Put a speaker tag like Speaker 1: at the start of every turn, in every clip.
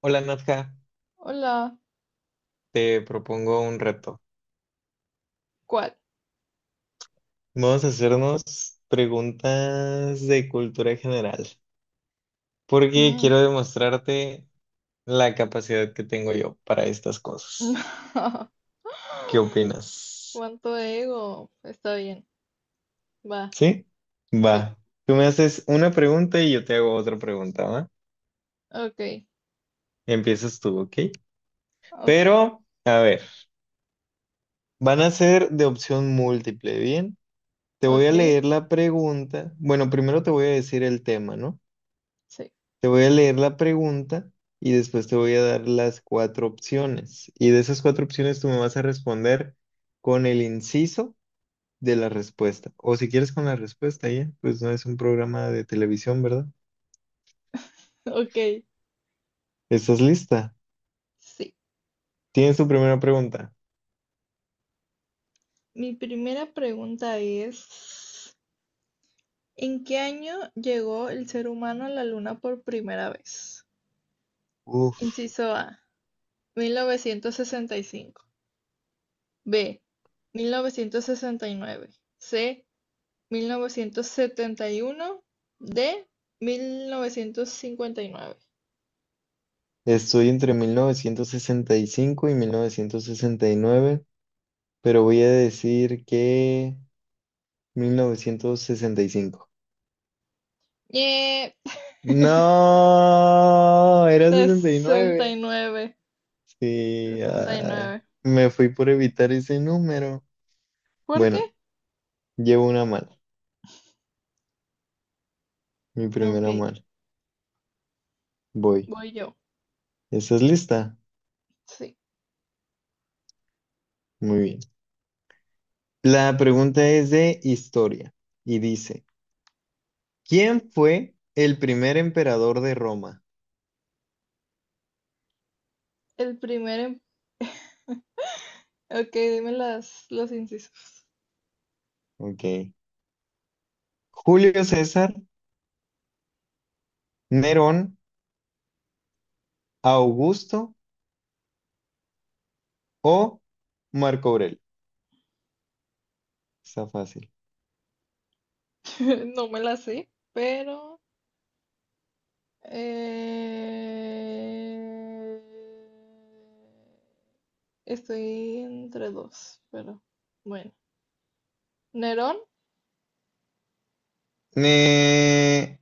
Speaker 1: Hola Nadja,
Speaker 2: Hola,
Speaker 1: te propongo un reto.
Speaker 2: ¿cuál?
Speaker 1: Vamos a hacernos preguntas de cultura general, porque
Speaker 2: Mm.
Speaker 1: quiero demostrarte la capacidad que tengo yo para estas cosas.
Speaker 2: No.
Speaker 1: ¿Qué opinas?
Speaker 2: ¿Cuánto ego? Está bien, va,
Speaker 1: ¿Sí?
Speaker 2: sí.
Speaker 1: Va. Tú me haces una pregunta y yo te hago otra pregunta, ¿va?
Speaker 2: Ok,
Speaker 1: Empiezas tú, ¿ok?
Speaker 2: ok,
Speaker 1: Pero, a ver, van a ser de opción múltiple, ¿bien? Te voy
Speaker 2: ok,
Speaker 1: a leer la pregunta. Bueno, primero te voy a decir el tema, ¿no?
Speaker 2: sí,
Speaker 1: Te voy a leer la pregunta y después te voy a dar las cuatro opciones. Y de esas cuatro opciones tú me vas a responder con el inciso de la respuesta. O si quieres con la respuesta ya, pues no es un programa de televisión, ¿verdad?
Speaker 2: ok,
Speaker 1: ¿Estás lista?
Speaker 2: sí.
Speaker 1: Tienes tu primera pregunta.
Speaker 2: Mi primera pregunta es, ¿en qué año llegó el ser humano a la luna por primera vez?
Speaker 1: Uf,
Speaker 2: Inciso A, 1965. B, 1969. C, 1971 de 1959.
Speaker 1: estoy entre 1965 y 1969, pero voy a decir que 1965.
Speaker 2: Ñe.
Speaker 1: No, era 69.
Speaker 2: 69.
Speaker 1: Sí, ay,
Speaker 2: 69.
Speaker 1: me fui por evitar ese número.
Speaker 2: ¿Por qué?
Speaker 1: Bueno, llevo una mala, mi
Speaker 2: Ok,
Speaker 1: primera mala. Voy.
Speaker 2: voy yo.
Speaker 1: ¿Estás lista?
Speaker 2: Sí.
Speaker 1: Muy bien. La pregunta es de historia y dice, ¿quién fue el primer emperador de Roma?
Speaker 2: El primer... Ok, dime los incisos.
Speaker 1: Ok. ¿Julio César, Nerón, Augusto o Marco Aurelio? Está fácil.
Speaker 2: No me las sé, pero... eh, estoy entre dos, pero bueno. Nerón,
Speaker 1: Eh,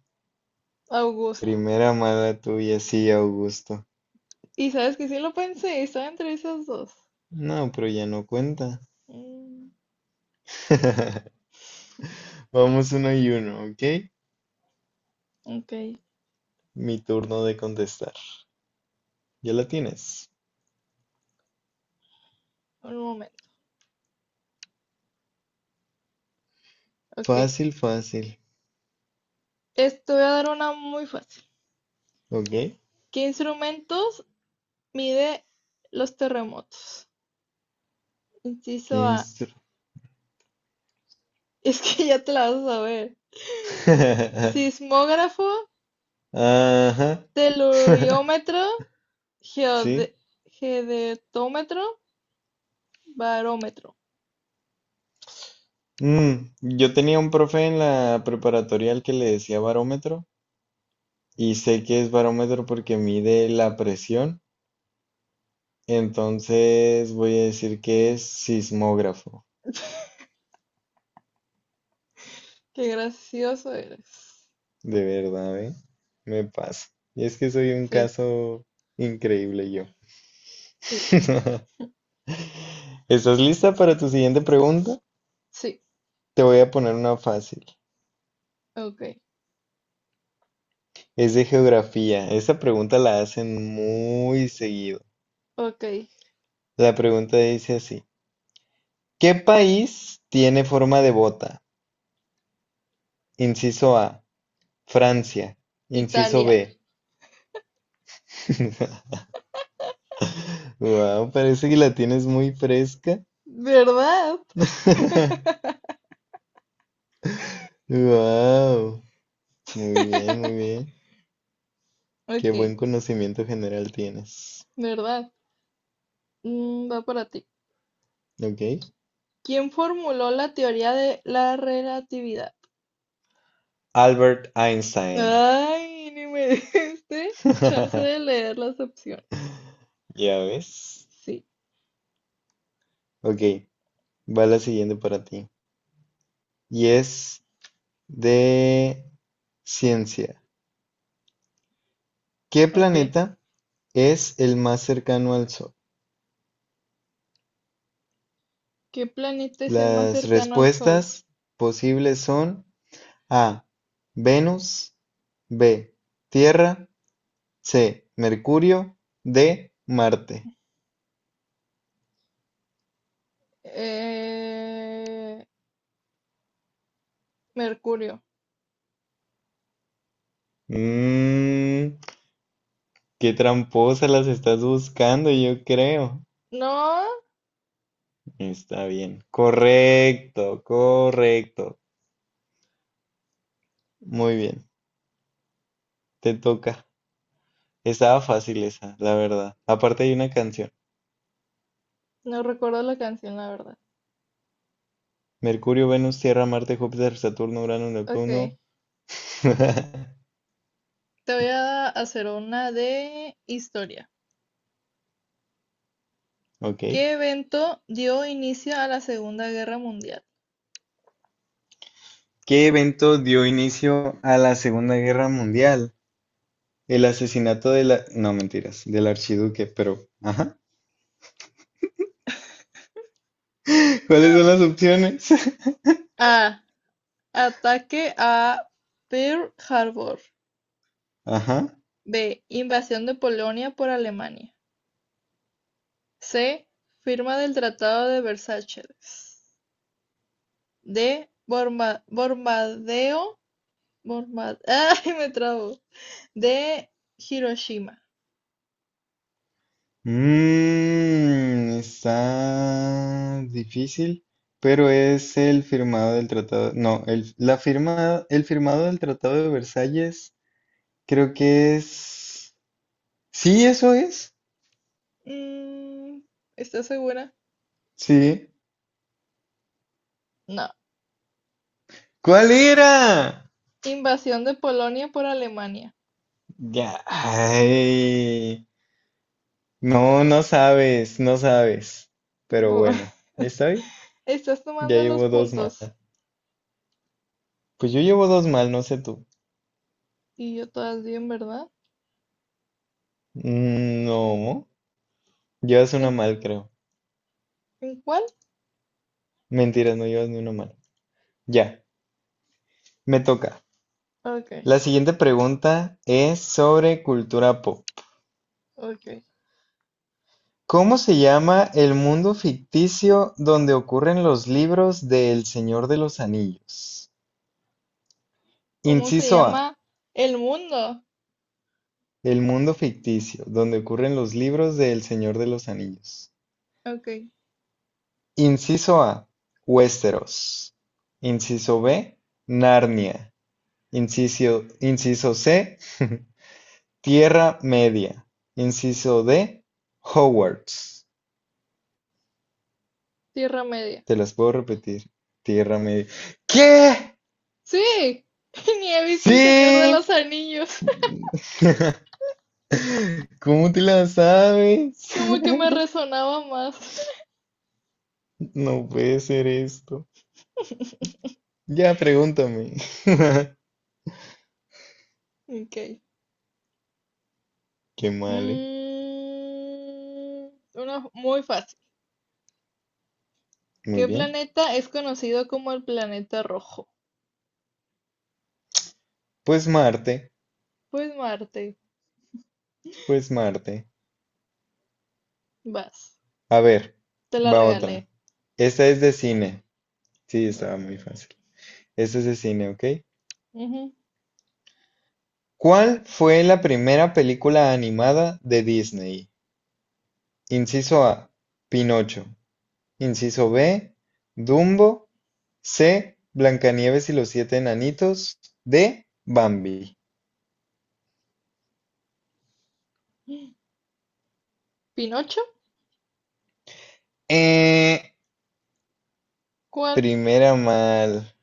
Speaker 2: Augusto.
Speaker 1: primera mala tuya, sí, Augusto.
Speaker 2: Y sabes que sí lo pensé, estaba entre esas dos.
Speaker 1: No, pero ya no cuenta.
Speaker 2: Mm.
Speaker 1: Vamos uno y uno, ¿ok?
Speaker 2: Ok,
Speaker 1: Mi turno de contestar. Ya la tienes.
Speaker 2: un momento. Ok,
Speaker 1: Fácil, fácil.
Speaker 2: esto voy a dar una muy fácil.
Speaker 1: ¿Ok?
Speaker 2: ¿Qué instrumentos mide los terremotos?
Speaker 1: ¿Qué
Speaker 2: Inciso A.
Speaker 1: instru-
Speaker 2: Es que ya te la vas a saber. Sismógrafo,
Speaker 1: Ajá.
Speaker 2: teluriómetro,
Speaker 1: Sí.
Speaker 2: geode- geodetómetro, barómetro.
Speaker 1: Yo tenía un profe en la preparatorial que le decía barómetro y sé que es barómetro porque mide la presión. Entonces voy a decir que es sismógrafo.
Speaker 2: Qué gracioso eres.
Speaker 1: De verdad, ¿eh? Me pasa. Y es que soy un
Speaker 2: Sí,
Speaker 1: caso increíble yo.
Speaker 2: sí,
Speaker 1: ¿Estás lista para tu siguiente pregunta?
Speaker 2: sí.
Speaker 1: Te voy a poner una fácil.
Speaker 2: Ok,
Speaker 1: Es de geografía. Esta pregunta la hacen muy seguido.
Speaker 2: ok.
Speaker 1: La pregunta dice así. ¿Qué país tiene forma de bota? Inciso A, Francia. Inciso B.
Speaker 2: Italia.
Speaker 1: Wow, parece que la tienes muy fresca.
Speaker 2: ¿Verdad?
Speaker 1: Wow, muy bien, muy bien. Qué
Speaker 2: Ok,
Speaker 1: buen conocimiento general tienes.
Speaker 2: ¿verdad? Mm, va para ti.
Speaker 1: ¿Ok?
Speaker 2: ¿Quién formuló la teoría de la relatividad?
Speaker 1: Albert Einstein.
Speaker 2: Ay, ni me diste chance de leer las opciones.
Speaker 1: Ya ves.
Speaker 2: Sí,
Speaker 1: Ok, va la siguiente para ti. Y es de ciencia. ¿Qué
Speaker 2: ok.
Speaker 1: planeta es el más cercano al Sol?
Speaker 2: ¿Qué planeta es el más
Speaker 1: Las
Speaker 2: cercano al Sol?
Speaker 1: respuestas posibles son A, Venus, B, Tierra, C, Mercurio, D, Marte.
Speaker 2: Eh, Mercurio.
Speaker 1: Mmm, qué tramposa las estás buscando, yo creo.
Speaker 2: No,
Speaker 1: Está bien. Correcto, correcto. Muy bien, te toca. Estaba fácil esa, la verdad. Aparte hay una canción.
Speaker 2: no recuerdo la canción, la verdad.
Speaker 1: Mercurio, Venus, Tierra, Marte, Júpiter, Saturno, Urano,
Speaker 2: Ok,
Speaker 1: Neptuno.
Speaker 2: te voy a hacer una de historia.
Speaker 1: Ok.
Speaker 2: ¿Qué evento dio inicio a la Segunda Guerra Mundial?
Speaker 1: ¿Qué evento dio inicio a la Segunda Guerra Mundial? El asesinato de la... No, mentiras, del archiduque, pero... Ajá. ¿Cuáles son las opciones?
Speaker 2: A. Ataque a Pearl Harbor.
Speaker 1: Ajá.
Speaker 2: B. Invasión de Polonia por Alemania. C. Firma del Tratado de Versalles. D. Bomba. Bombardeo. Bomba. Ay, me trabo. D. Hiroshima.
Speaker 1: Mm, está difícil, pero es el firmado del tratado. No, el, la firma, el firmado del Tratado de Versalles, creo que es. Sí, eso es.
Speaker 2: Mm, ¿estás segura?
Speaker 1: Sí.
Speaker 2: No.
Speaker 1: ¿Cuál era?
Speaker 2: Invasión de Polonia por Alemania.
Speaker 1: Ya. Ay. No, no sabes, no sabes. Pero
Speaker 2: Bu-
Speaker 1: bueno, ¿está bien?
Speaker 2: Estás
Speaker 1: Ya
Speaker 2: tomando los
Speaker 1: llevo dos mal.
Speaker 2: puntos.
Speaker 1: Pues yo llevo dos mal, no sé tú.
Speaker 2: Y yo todas bien, ¿verdad?
Speaker 1: No, llevas
Speaker 2: ¿En,
Speaker 1: una mal, creo.
Speaker 2: en cuál?
Speaker 1: Mentiras, no llevas ni una mal. Ya, me toca.
Speaker 2: Ok,
Speaker 1: La siguiente pregunta es sobre cultura pop.
Speaker 2: ok.
Speaker 1: ¿Cómo se llama el mundo ficticio donde ocurren los libros de El Señor de los Anillos?
Speaker 2: ¿Cómo se
Speaker 1: Inciso A,
Speaker 2: llama el mundo?
Speaker 1: el mundo ficticio donde
Speaker 2: Ah,
Speaker 1: ocurren los libros de El Señor de los Anillos.
Speaker 2: ok,
Speaker 1: Inciso A, Westeros. Inciso B, Narnia. Inciso C, Tierra Media. Inciso D, Hogwarts.
Speaker 2: Tierra Media.
Speaker 1: Te las puedo repetir. Tierra Media. ¿Qué?
Speaker 2: Sí, ni he visto El Señor de
Speaker 1: ¡Sí!
Speaker 2: los Anillos.
Speaker 1: ¿Cómo te la sabes?
Speaker 2: Como que me resonaba más.
Speaker 1: No puede ser esto. Ya, pregúntame.
Speaker 2: Ok.
Speaker 1: Qué mal, ¿eh?
Speaker 2: Mm, una muy fácil.
Speaker 1: Muy
Speaker 2: ¿Qué
Speaker 1: bien.
Speaker 2: planeta es conocido como el planeta rojo?
Speaker 1: Pues Marte,
Speaker 2: Pues Marte.
Speaker 1: pues Marte.
Speaker 2: Vas.
Speaker 1: A ver,
Speaker 2: Te la
Speaker 1: va otra.
Speaker 2: regalé.
Speaker 1: Esta es de cine. Sí, estaba muy
Speaker 2: Mm,
Speaker 1: fácil. Esta es de cine, ¿ok?
Speaker 2: ujú.
Speaker 1: ¿Cuál fue la primera película animada de Disney? Inciso A, Pinocho. Inciso B: Dumbo; C: Blancanieves y los siete enanitos; D: Bambi.
Speaker 2: ¿Pinocho?
Speaker 1: Eh,
Speaker 2: ¿Cuál?
Speaker 1: primera mal.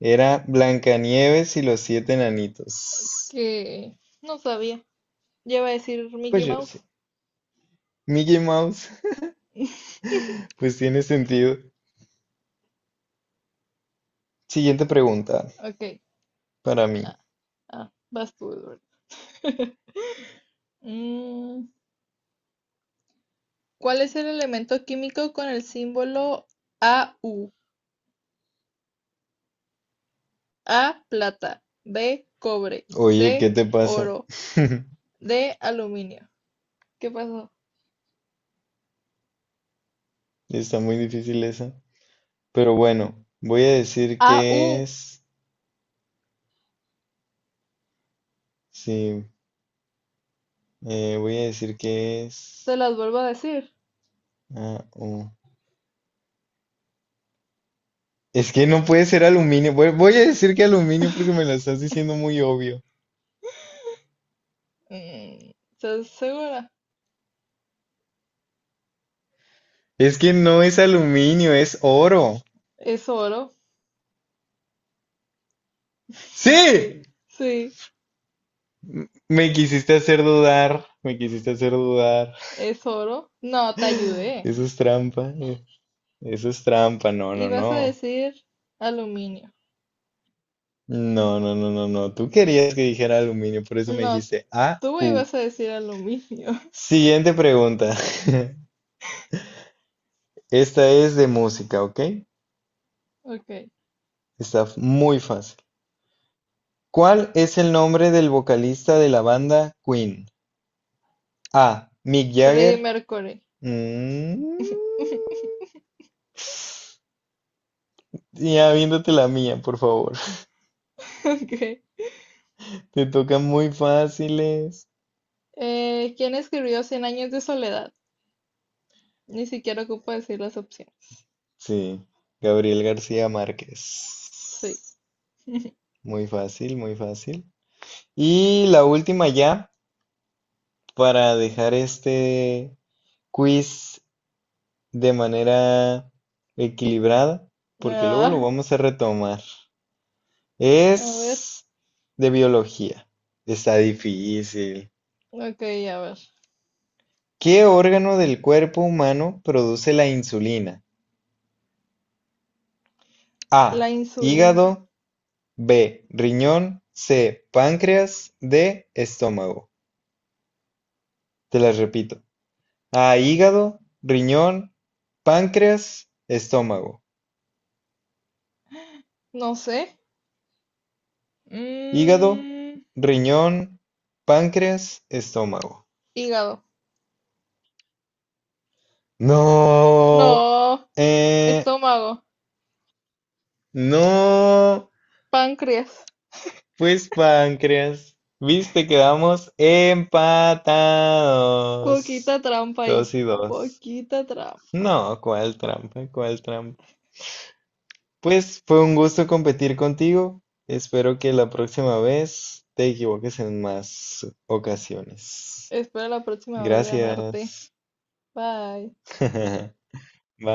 Speaker 1: Era Blancanieves y los siete enanitos.
Speaker 2: Que no sabía. Ya iba a decir
Speaker 1: Pues
Speaker 2: Mickey
Speaker 1: yo
Speaker 2: Mouse.
Speaker 1: sé. Mickey Mouse, pues tiene sentido. Siguiente pregunta
Speaker 2: Ok.
Speaker 1: para mí.
Speaker 2: Ah, ah, vas tú, Eduardo. Mm, ¿cuál es el elemento químico con el símbolo AU? A, plata. B, cobre.
Speaker 1: Oye, ¿qué
Speaker 2: C,
Speaker 1: te pasa?
Speaker 2: oro. D, aluminio. ¿Qué pasó?
Speaker 1: Está muy difícil esa. Pero bueno, voy a decir que
Speaker 2: AU,
Speaker 1: es. Sí, voy a decir que
Speaker 2: te
Speaker 1: es.
Speaker 2: las vuelvo a decir.
Speaker 1: Ah, oh. Es que no puede ser aluminio. Voy a decir que aluminio porque me lo estás diciendo muy obvio.
Speaker 2: Mm, ¿estás segura?
Speaker 1: Es que no es aluminio, es oro.
Speaker 2: Es oro. Sí,
Speaker 1: ¡Sí!
Speaker 2: sí,
Speaker 1: M- Me quisiste hacer dudar. Me quisiste hacer dudar.
Speaker 2: es oro. No, te ayudé.
Speaker 1: Eso es trampa. Eso es trampa. No,
Speaker 2: Y
Speaker 1: no,
Speaker 2: vas a
Speaker 1: no.
Speaker 2: decir aluminio.
Speaker 1: No, no, no, no, no. Tú querías que dijera aluminio, por eso me
Speaker 2: No,
Speaker 1: dijiste A
Speaker 2: tú
Speaker 1: U.
Speaker 2: ibas a decir aluminio.
Speaker 1: Siguiente pregunta. Esta es de música, ¿ok?
Speaker 2: Ok.
Speaker 1: Está muy fácil. ¿Cuál es el nombre del vocalista de la banda Queen? A. Mick
Speaker 2: Freddie
Speaker 1: Jagger.
Speaker 2: Mercury.
Speaker 1: Mm, Ya viéndote la mía, por favor.
Speaker 2: Ok.
Speaker 1: Te tocan muy fáciles.
Speaker 2: ¿Quién escribió Cien años de soledad? Ni siquiera ocupo decir las opciones.
Speaker 1: Sí, Gabriel García
Speaker 2: Sí.
Speaker 1: Márquez. Muy fácil, muy fácil. Y la última ya, para dejar este quiz de manera equilibrada, porque luego lo
Speaker 2: Ah,
Speaker 1: vamos a retomar.
Speaker 2: a ver.
Speaker 1: Es de biología. Está difícil.
Speaker 2: Ok, a ver.
Speaker 1: ¿Qué órgano del cuerpo humano produce la insulina?
Speaker 2: La
Speaker 1: A.
Speaker 2: insulina.
Speaker 1: Hígado. B. Riñón. C. Páncreas. D. Estómago. Te las repito. A. Hígado. Riñón. Páncreas. Estómago.
Speaker 2: No sé.
Speaker 1: Hígado.
Speaker 2: Mm,
Speaker 1: Riñón. Páncreas. Estómago.
Speaker 2: hígado.
Speaker 1: No.
Speaker 2: No.
Speaker 1: Eh,
Speaker 2: Estómago.
Speaker 1: no.
Speaker 2: Páncreas.
Speaker 1: Pues páncreas. Viste, quedamos empatados.
Speaker 2: Poquita trampa
Speaker 1: Dos
Speaker 2: ahí.
Speaker 1: y dos.
Speaker 2: Poquita trampa.
Speaker 1: No, cuál trampa, cuál trampa. Pues fue un gusto competir contigo. Espero que la próxima vez te equivoques en más ocasiones.
Speaker 2: Espero la próxima vez ganarte.
Speaker 1: Gracias.
Speaker 2: Bye.
Speaker 1: Bye.